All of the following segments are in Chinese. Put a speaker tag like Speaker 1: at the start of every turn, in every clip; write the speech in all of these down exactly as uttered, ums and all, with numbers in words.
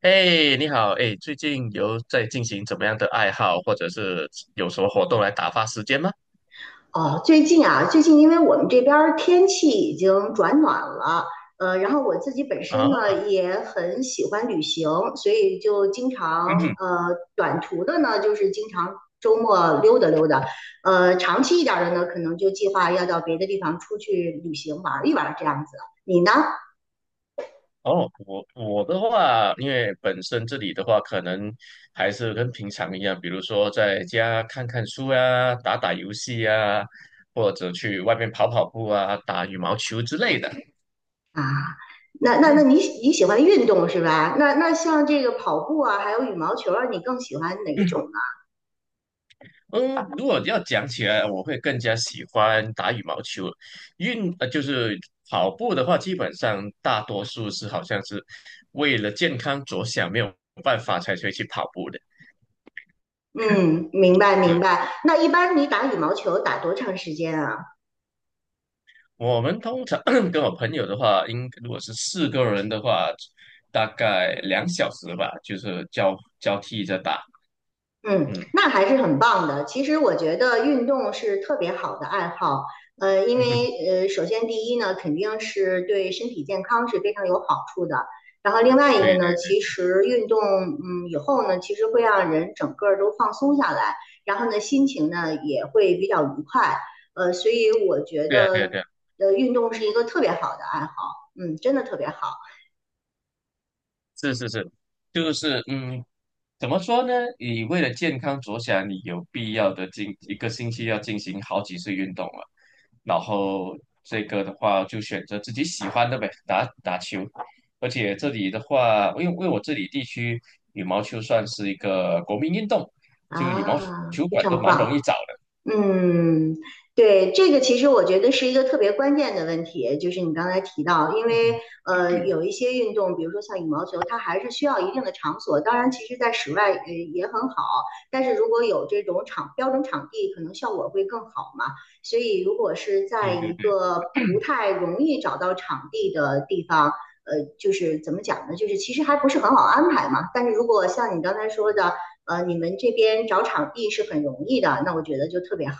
Speaker 1: 哎，你好，哎，最近有在进行怎么样的爱好，或者是有什么活动来打发时间吗？
Speaker 2: 哦，最近啊，最近因为我们这边儿天气已经转暖了，呃，然后我自己本
Speaker 1: 啊，
Speaker 2: 身呢也很喜欢旅行，所以就经常
Speaker 1: 嗯哼，
Speaker 2: 呃短途的呢，就是经常周末溜达溜达，呃，长期一点儿的呢，可能就计划要到别的地方出去旅行玩儿一玩儿这样子。你呢？
Speaker 1: 哦，我我的话，因为本身这里的话，可能还是跟平常一样，比如说在家看看书啊，打打游戏啊，或者去外面跑跑步啊，打羽毛球之类的。
Speaker 2: 啊，那那那
Speaker 1: 嗯，
Speaker 2: 你你喜欢运动是吧？那那像这个跑步啊，还有羽毛球啊，你更喜欢哪一种。
Speaker 1: 嗯，如果要讲起来，我会更加喜欢打羽毛球。运，呃，就是跑步的话，基本上大多数是好像是为了健康着想，没有办法才会去跑步的。
Speaker 2: 嗯，明白明
Speaker 1: 是
Speaker 2: 白。那一般你打羽毛球打多长时间啊？
Speaker 1: 我们通常 跟我朋友的话，应如果是四个人的话，大概两小时吧，就是交交替着打。
Speaker 2: 嗯，
Speaker 1: 嗯，
Speaker 2: 那还是很棒的。其实我觉得运动是特别好的爱好，呃，因
Speaker 1: 嗯，
Speaker 2: 为呃，首先第一呢，肯定是对身体健康是非常有好处的。然后另外一个
Speaker 1: 对
Speaker 2: 呢，
Speaker 1: 对
Speaker 2: 其实运动，嗯，以后呢，其实会让人整个儿都放松下来，然后呢，心情呢也会比较愉快。呃，所以我觉
Speaker 1: 对啊，对啊，
Speaker 2: 得，
Speaker 1: 对啊。
Speaker 2: 呃，运动是一个特别好的爱好，嗯，真的特别好。
Speaker 1: 是是是，就是嗯，怎么说呢？你为了健康着想，你有必要的进一个星期要进行好几次运动了。然后这个的话，就选择自己喜欢的呗，打打球。而且这里的话，因为因为我这里地区羽毛球算是一个国民运动，就羽毛
Speaker 2: 啊，
Speaker 1: 球
Speaker 2: 非
Speaker 1: 馆都
Speaker 2: 常
Speaker 1: 蛮容
Speaker 2: 棒。
Speaker 1: 易找的。
Speaker 2: 嗯，对，这个其实我觉得是一个特别关键的问题，就是你刚才提到，因为呃有一些运动，比如说像羽毛球，它还是需要一定的场所。当然，其实在室外呃也很好，但是如果有这种场标准场地，可能效果会更好嘛。所以，如果是在
Speaker 1: 对
Speaker 2: 一
Speaker 1: 对。
Speaker 2: 个不太容易找到场地的地方，呃，就是怎么讲呢？就是其实还不是很好安排嘛。但是如果像你刚才说的，呃，你们这边找场地是很容易的，那我觉得就特别好。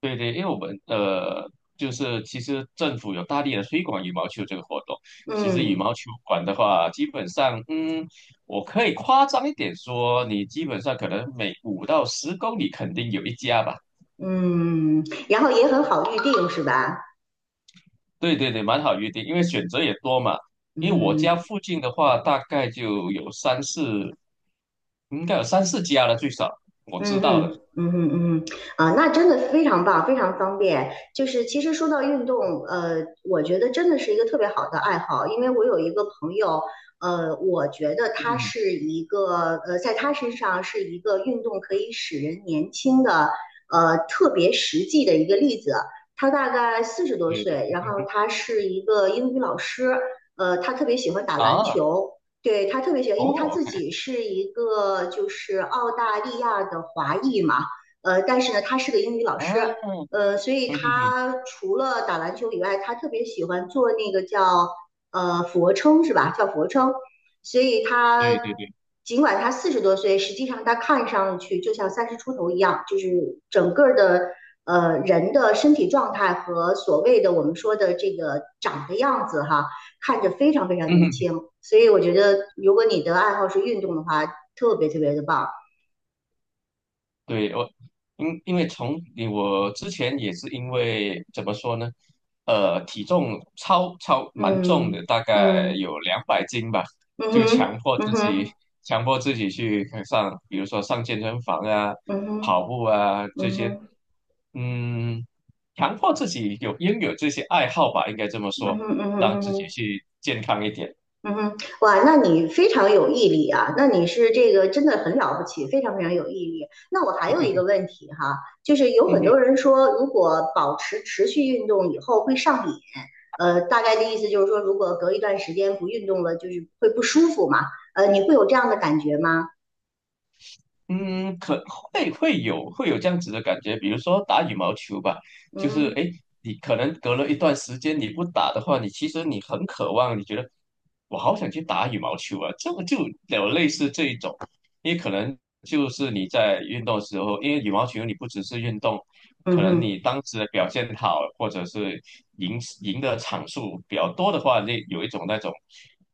Speaker 1: 对对，因为我们呃，就是其实政府有大力的推广羽毛球这个活动。其实羽
Speaker 2: 嗯
Speaker 1: 毛球馆的话，基本上，嗯，我可以夸张一点说，你基本上可能每五到十公里肯定有一家吧。
Speaker 2: 嗯，然后也很好预定，是吧？
Speaker 1: 对对对，蛮好预定，因为选择也多嘛。因为我家
Speaker 2: 嗯
Speaker 1: 附近的话，大概就有三四，应该有三四家了，最少我知
Speaker 2: 嗯
Speaker 1: 道的。
Speaker 2: 嗯嗯嗯嗯哼。啊，那真的非常棒，非常方便。就是其实说到运动，呃，我觉得真的是一个特别好的爱好，因为我有一个朋友，呃，我觉得 他
Speaker 1: 嗯，
Speaker 2: 是一个，呃，在他身上是一个运动可以使人年轻的，呃，特别实际的一个例子。他大概四十多
Speaker 1: 对对
Speaker 2: 岁，然后他是一个英语老师，呃，他特别喜欢打篮
Speaker 1: 啊，
Speaker 2: 球，对，他特别喜欢，
Speaker 1: 哦
Speaker 2: 因为他
Speaker 1: 我
Speaker 2: 自
Speaker 1: 看
Speaker 2: 己是一个就是澳大利亚的华裔嘛，呃，但是呢，他是个英语老
Speaker 1: 啊，
Speaker 2: 师，呃，所以
Speaker 1: 嗯哼哼，嗯
Speaker 2: 他除了打篮球以外，他特别喜欢做那个叫呃俯卧撑是吧？叫俯卧撑，所以他
Speaker 1: 对对对，
Speaker 2: 尽管他四十多岁，实际上他看上去就像三十出头一样，就是整个的呃人的身体状态和所谓的我们说的这个长的样子哈。看着非常非常
Speaker 1: 嗯
Speaker 2: 年
Speaker 1: 哼。
Speaker 2: 轻。所以我觉得，如果你的爱好是运动的话，特别特别的棒。
Speaker 1: 对，我因因为从你我之前也是因为怎么说呢，呃，体重超超蛮重的，
Speaker 2: 嗯
Speaker 1: 大概
Speaker 2: 嗯
Speaker 1: 有两百斤吧，
Speaker 2: 嗯
Speaker 1: 就
Speaker 2: 哼
Speaker 1: 强迫
Speaker 2: 嗯
Speaker 1: 自己
Speaker 2: 哼
Speaker 1: 强迫自己去上，比如说上健身房啊、
Speaker 2: 嗯哼嗯
Speaker 1: 跑
Speaker 2: 哼
Speaker 1: 步啊这
Speaker 2: 嗯
Speaker 1: 些，
Speaker 2: 哼
Speaker 1: 嗯，强迫自己有拥有这些爱好吧，应该这么
Speaker 2: 嗯
Speaker 1: 说，
Speaker 2: 哼嗯哼嗯哼
Speaker 1: 让
Speaker 2: 嗯
Speaker 1: 自己
Speaker 2: 哼
Speaker 1: 去健康一点。
Speaker 2: 嗯哼，哇，那你非常有毅力啊！那你是这个真的很了不起，非常非常有毅力。那我还有一个问题哈，就是有很多 人说，如果保持持续运动以后会上瘾，呃，大概的意思就是说，如果隔一段时间不运动了，就是会不舒服嘛，呃，你会有这样的感觉吗？
Speaker 1: 嗯，可会会有会有这样子的感觉，比如说打羽毛球吧，就是
Speaker 2: 嗯
Speaker 1: 诶，你可能隔了一段时间你不打的话，你其实你很渴望，你觉得我好想去打羽毛球啊，这个就有类似这一种，因为可能就是你在运动的时候，因为羽毛球你不只是运动，
Speaker 2: 嗯
Speaker 1: 可能
Speaker 2: 哼。
Speaker 1: 你当时的表现好，或者是赢赢的场数比较多的话，那有一种那种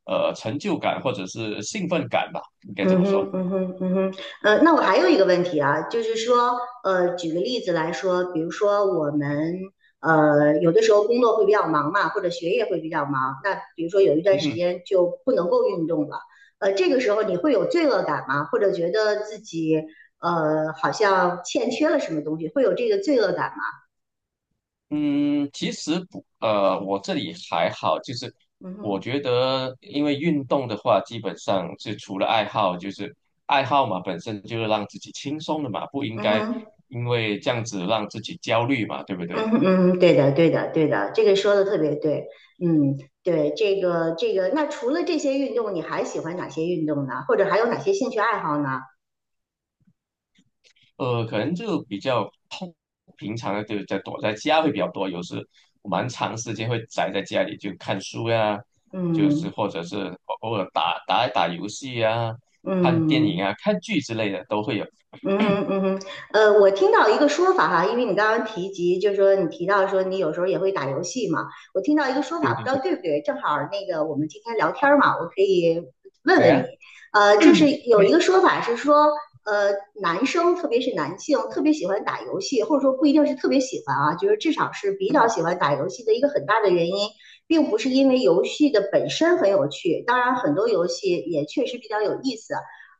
Speaker 1: 呃成就感或者是兴奋感吧，应该这
Speaker 2: 嗯
Speaker 1: 么说。
Speaker 2: 哼，嗯哼，嗯哼，呃，那我还有一个问题啊，就是说，呃，举个例子来说，比如说我们，呃，有的时候工作会比较忙嘛，或者学业会比较忙，那比如说有一段时间就不能够运动了，呃，这个时候你会有罪恶感吗？或者觉得自己，呃，好像欠缺了什么东西，会有这个罪恶感吗？
Speaker 1: 嗯，其实不，呃，我这里还好，就是
Speaker 2: 嗯
Speaker 1: 我
Speaker 2: 哼，
Speaker 1: 觉得，因为运动的话，基本上是除了爱好，就是爱好嘛，本身就是让自己轻松的嘛，不应
Speaker 2: 嗯
Speaker 1: 该
Speaker 2: 哼。
Speaker 1: 因为这样子让自己焦虑嘛，对不
Speaker 2: 嗯
Speaker 1: 对？
Speaker 2: 嗯，对的，对的，对的，这个说的特别对。嗯，对，这个这个，那除了这些运动，你还喜欢哪些运动呢？或者还有哪些兴趣爱好呢？
Speaker 1: 呃，可能就比较痛，平常的就在躲在家会比较多，有时我蛮长时间会宅在家里，就看书呀，就是
Speaker 2: 嗯
Speaker 1: 或者是偶偶尔打打一打游戏呀，看电影
Speaker 2: 嗯。
Speaker 1: 啊，看剧之类的都会有。
Speaker 2: 嗯嗯嗯嗯，呃，我听到一个说法哈，因为你刚刚提及，就是说你提到说你有时候也会打游戏嘛，我听到一个说法，
Speaker 1: 对对
Speaker 2: 不知道
Speaker 1: 对，
Speaker 2: 对不对，正好那个我们今天聊天儿嘛，我可以问
Speaker 1: 哎
Speaker 2: 问你，
Speaker 1: 呀。
Speaker 2: 呃，就是 有一
Speaker 1: 对
Speaker 2: 个说法是说，呃，男生特别是男性特别喜欢打游戏，或者说不一定是特别喜欢啊，就是至少是比较喜欢打游戏的一个很大的原因，并不是因为游戏的本身很有趣，当然很多游戏也确实比较有意思。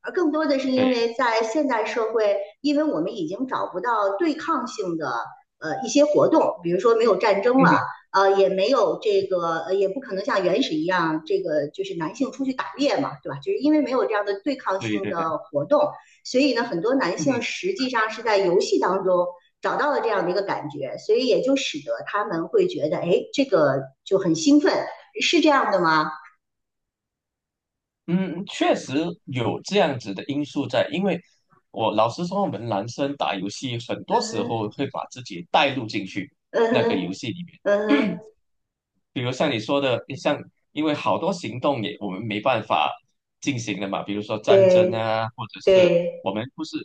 Speaker 2: 而更多的是因
Speaker 1: 对，
Speaker 2: 为在现代社会，因为我们已经找不到对抗性的呃一些活动，比如说没有战争
Speaker 1: 嗯
Speaker 2: 了，
Speaker 1: 哼，
Speaker 2: 呃，也没有这个，呃也不可能像原始一样，这个就是男性出去打猎嘛，对吧？就是因为没有这样的对抗
Speaker 1: 对
Speaker 2: 性
Speaker 1: 对对，
Speaker 2: 的活动，所以呢，很多男性
Speaker 1: 嗯
Speaker 2: 实际上是在游戏当中找到了这样的一个感觉，所以也就使得他们会觉得，哎，这个就很兴奋，是这样的吗？
Speaker 1: 哼，嗯，确实有这样子的因素在，因为我老实说，我们男生打游戏很多
Speaker 2: 嗯
Speaker 1: 时
Speaker 2: 哼，
Speaker 1: 候会把自己带入进去
Speaker 2: 嗯
Speaker 1: 那个游
Speaker 2: 哼，
Speaker 1: 戏里面。
Speaker 2: 嗯哼，
Speaker 1: 比如像你说的，像因为好多行动也我们没办法进行的嘛，比如说战争
Speaker 2: 对。
Speaker 1: 啊，或者是
Speaker 2: 对，
Speaker 1: 我们不是，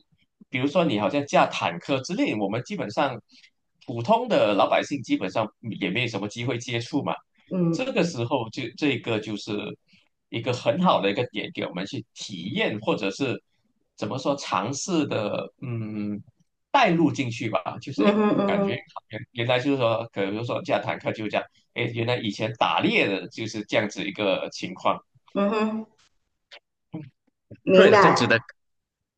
Speaker 1: 比如说你好像驾坦克之类，我们基本上普通的老百姓基本上也没有什么机会接触嘛。这
Speaker 2: 嗯
Speaker 1: 个时候就这个就是一个很好的一个点，给我们去体验或者是怎么说尝试的，嗯，带入进去吧，就是
Speaker 2: 嗯
Speaker 1: 哎。诶，
Speaker 2: 哼嗯
Speaker 1: 感觉
Speaker 2: 哼
Speaker 1: 原原来就是说，可能说驾坦克就这样。哎，原来以前打猎的就是这样子一个情况。
Speaker 2: 嗯哼，
Speaker 1: 会
Speaker 2: 明
Speaker 1: 有这样
Speaker 2: 白。
Speaker 1: 子的，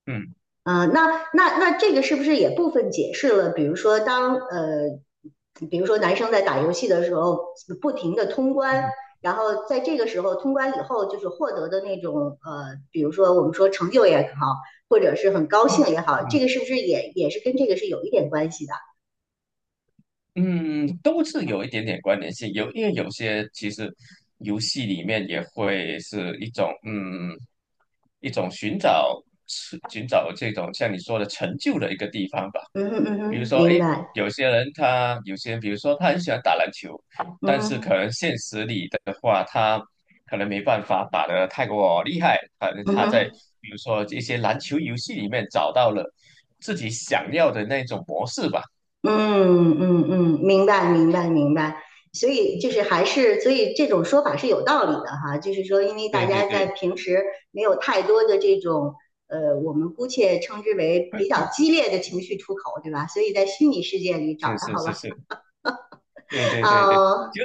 Speaker 1: 嗯，
Speaker 2: 啊、那那那这个是不是也部分解释了？比如说当呃，比如说男生在打游戏的时候，不停的通关，
Speaker 1: 嗯
Speaker 2: 然后在这个时候通关以后，就是获得的那种呃，比如说我们说成就也好，或者是很高
Speaker 1: 嗯，
Speaker 2: 兴也好，这个是不是也也是跟这个是有一点关系的？
Speaker 1: 嗯，嗯都是有一点点关联性。有，因为有些其实游戏里面也会是一种嗯一种寻找寻找这种像你说的成就的一个地方吧。
Speaker 2: 嗯哼嗯
Speaker 1: 比如
Speaker 2: 哼，
Speaker 1: 说，
Speaker 2: 明
Speaker 1: 诶，
Speaker 2: 白。
Speaker 1: 有些人他有些人，比如说他很喜欢打篮球，
Speaker 2: 嗯
Speaker 1: 但是可
Speaker 2: 哼
Speaker 1: 能现实里的话，他可能没办法打得太过厉害，反正
Speaker 2: 嗯
Speaker 1: 他在
Speaker 2: 哼。
Speaker 1: 比如说一些篮球游戏里面找到了自己想要的那种模式吧。
Speaker 2: 嗯嗯嗯，明白明白明白，所以就是还是，所以这种说法是有道理的哈，就是说，因为大
Speaker 1: 对对
Speaker 2: 家在
Speaker 1: 对，
Speaker 2: 平时没有太多的这种呃，我们姑且称之为比较激烈的情绪出口，对吧？所以在虚拟世界里找
Speaker 1: 是是
Speaker 2: 到
Speaker 1: 是
Speaker 2: 了，
Speaker 1: 是，对 对对对，
Speaker 2: 啊，
Speaker 1: 就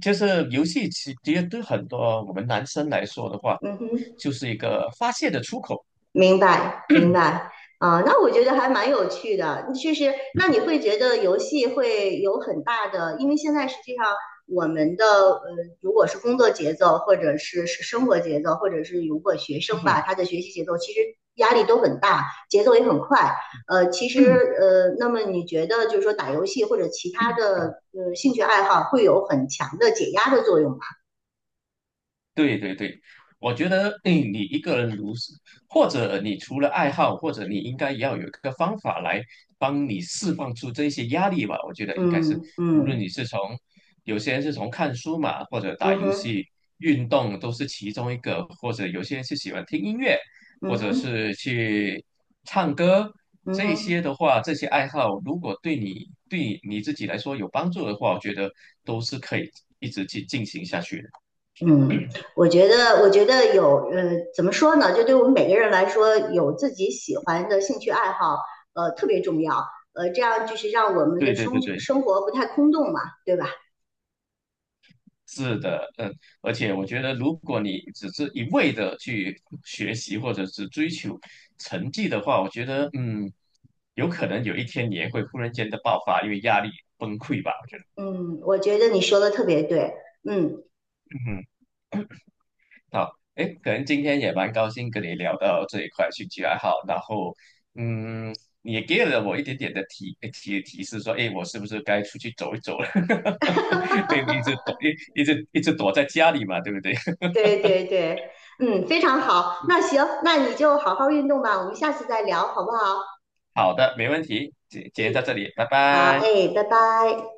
Speaker 1: 就是游戏其其实对很多我们男生来说的话，
Speaker 2: 嗯哼。
Speaker 1: 就是一个发泄的出口。
Speaker 2: 明白，明白。啊，那我觉得还蛮有趣的，确实，那你会觉得游戏会有很大的，因为现在实际上我们的呃，如果是工作节奏，或者是是生活节奏，或者是如果学生吧，
Speaker 1: 嗯
Speaker 2: 他的学习节奏其实压力都很大，节奏也很快。呃，其实
Speaker 1: 哼。
Speaker 2: 呃，那么你觉得就是说打游戏或者其他 的呃兴趣爱好会有很强的解压的作用吗？
Speaker 1: 对对对，我觉得，哎，你一个人如是，或者你除了爱好，或者你应该也要有一个方法来帮你释放出这些压力吧。我觉得应该是，
Speaker 2: 嗯
Speaker 1: 无论
Speaker 2: 嗯
Speaker 1: 你是从，有些人是从看书嘛，或者打
Speaker 2: 嗯
Speaker 1: 游
Speaker 2: 哼
Speaker 1: 戏、运动都是其中一个，或者有些人是喜欢听音乐，
Speaker 2: 嗯
Speaker 1: 或者
Speaker 2: 哼
Speaker 1: 是去唱歌，
Speaker 2: 嗯
Speaker 1: 这一些
Speaker 2: 哼。
Speaker 1: 的话，这些爱好如果对你对你自己来说有帮助的话，我觉得都是可以一直去进行下去的。
Speaker 2: 嗯，我觉得，我觉得有，呃，怎么说呢？就对我们每个人来说，有自己喜欢的兴趣爱好，呃，特别重要。呃，这样就是让我们
Speaker 1: 对
Speaker 2: 的
Speaker 1: 对
Speaker 2: 生
Speaker 1: 对对。
Speaker 2: 生活不太空洞嘛，对吧？
Speaker 1: 是的，嗯，而且我觉得，如果你只是一味的去学习或者是追求成绩的话，我觉得，嗯，有可能有一天你也会忽然间的爆发，因为压力崩溃吧。我觉得，
Speaker 2: 嗯，我觉得你说的特别对。嗯，
Speaker 1: 嗯，好，哎，可能今天也蛮高兴跟你聊到这一块兴趣爱好，然后，嗯，你也给了我一点点的提提提示，说，哎，我是不是该出去走一走了？因为一直躲一一直一直躲在家里嘛，对不对？
Speaker 2: 对对对，嗯，非常好。那行，那你就好好运动吧，我们下次再聊，好不好？
Speaker 1: 好的，没问题，今今
Speaker 2: 哎，
Speaker 1: 天到这里，拜
Speaker 2: 好，
Speaker 1: 拜。
Speaker 2: 哎，拜拜。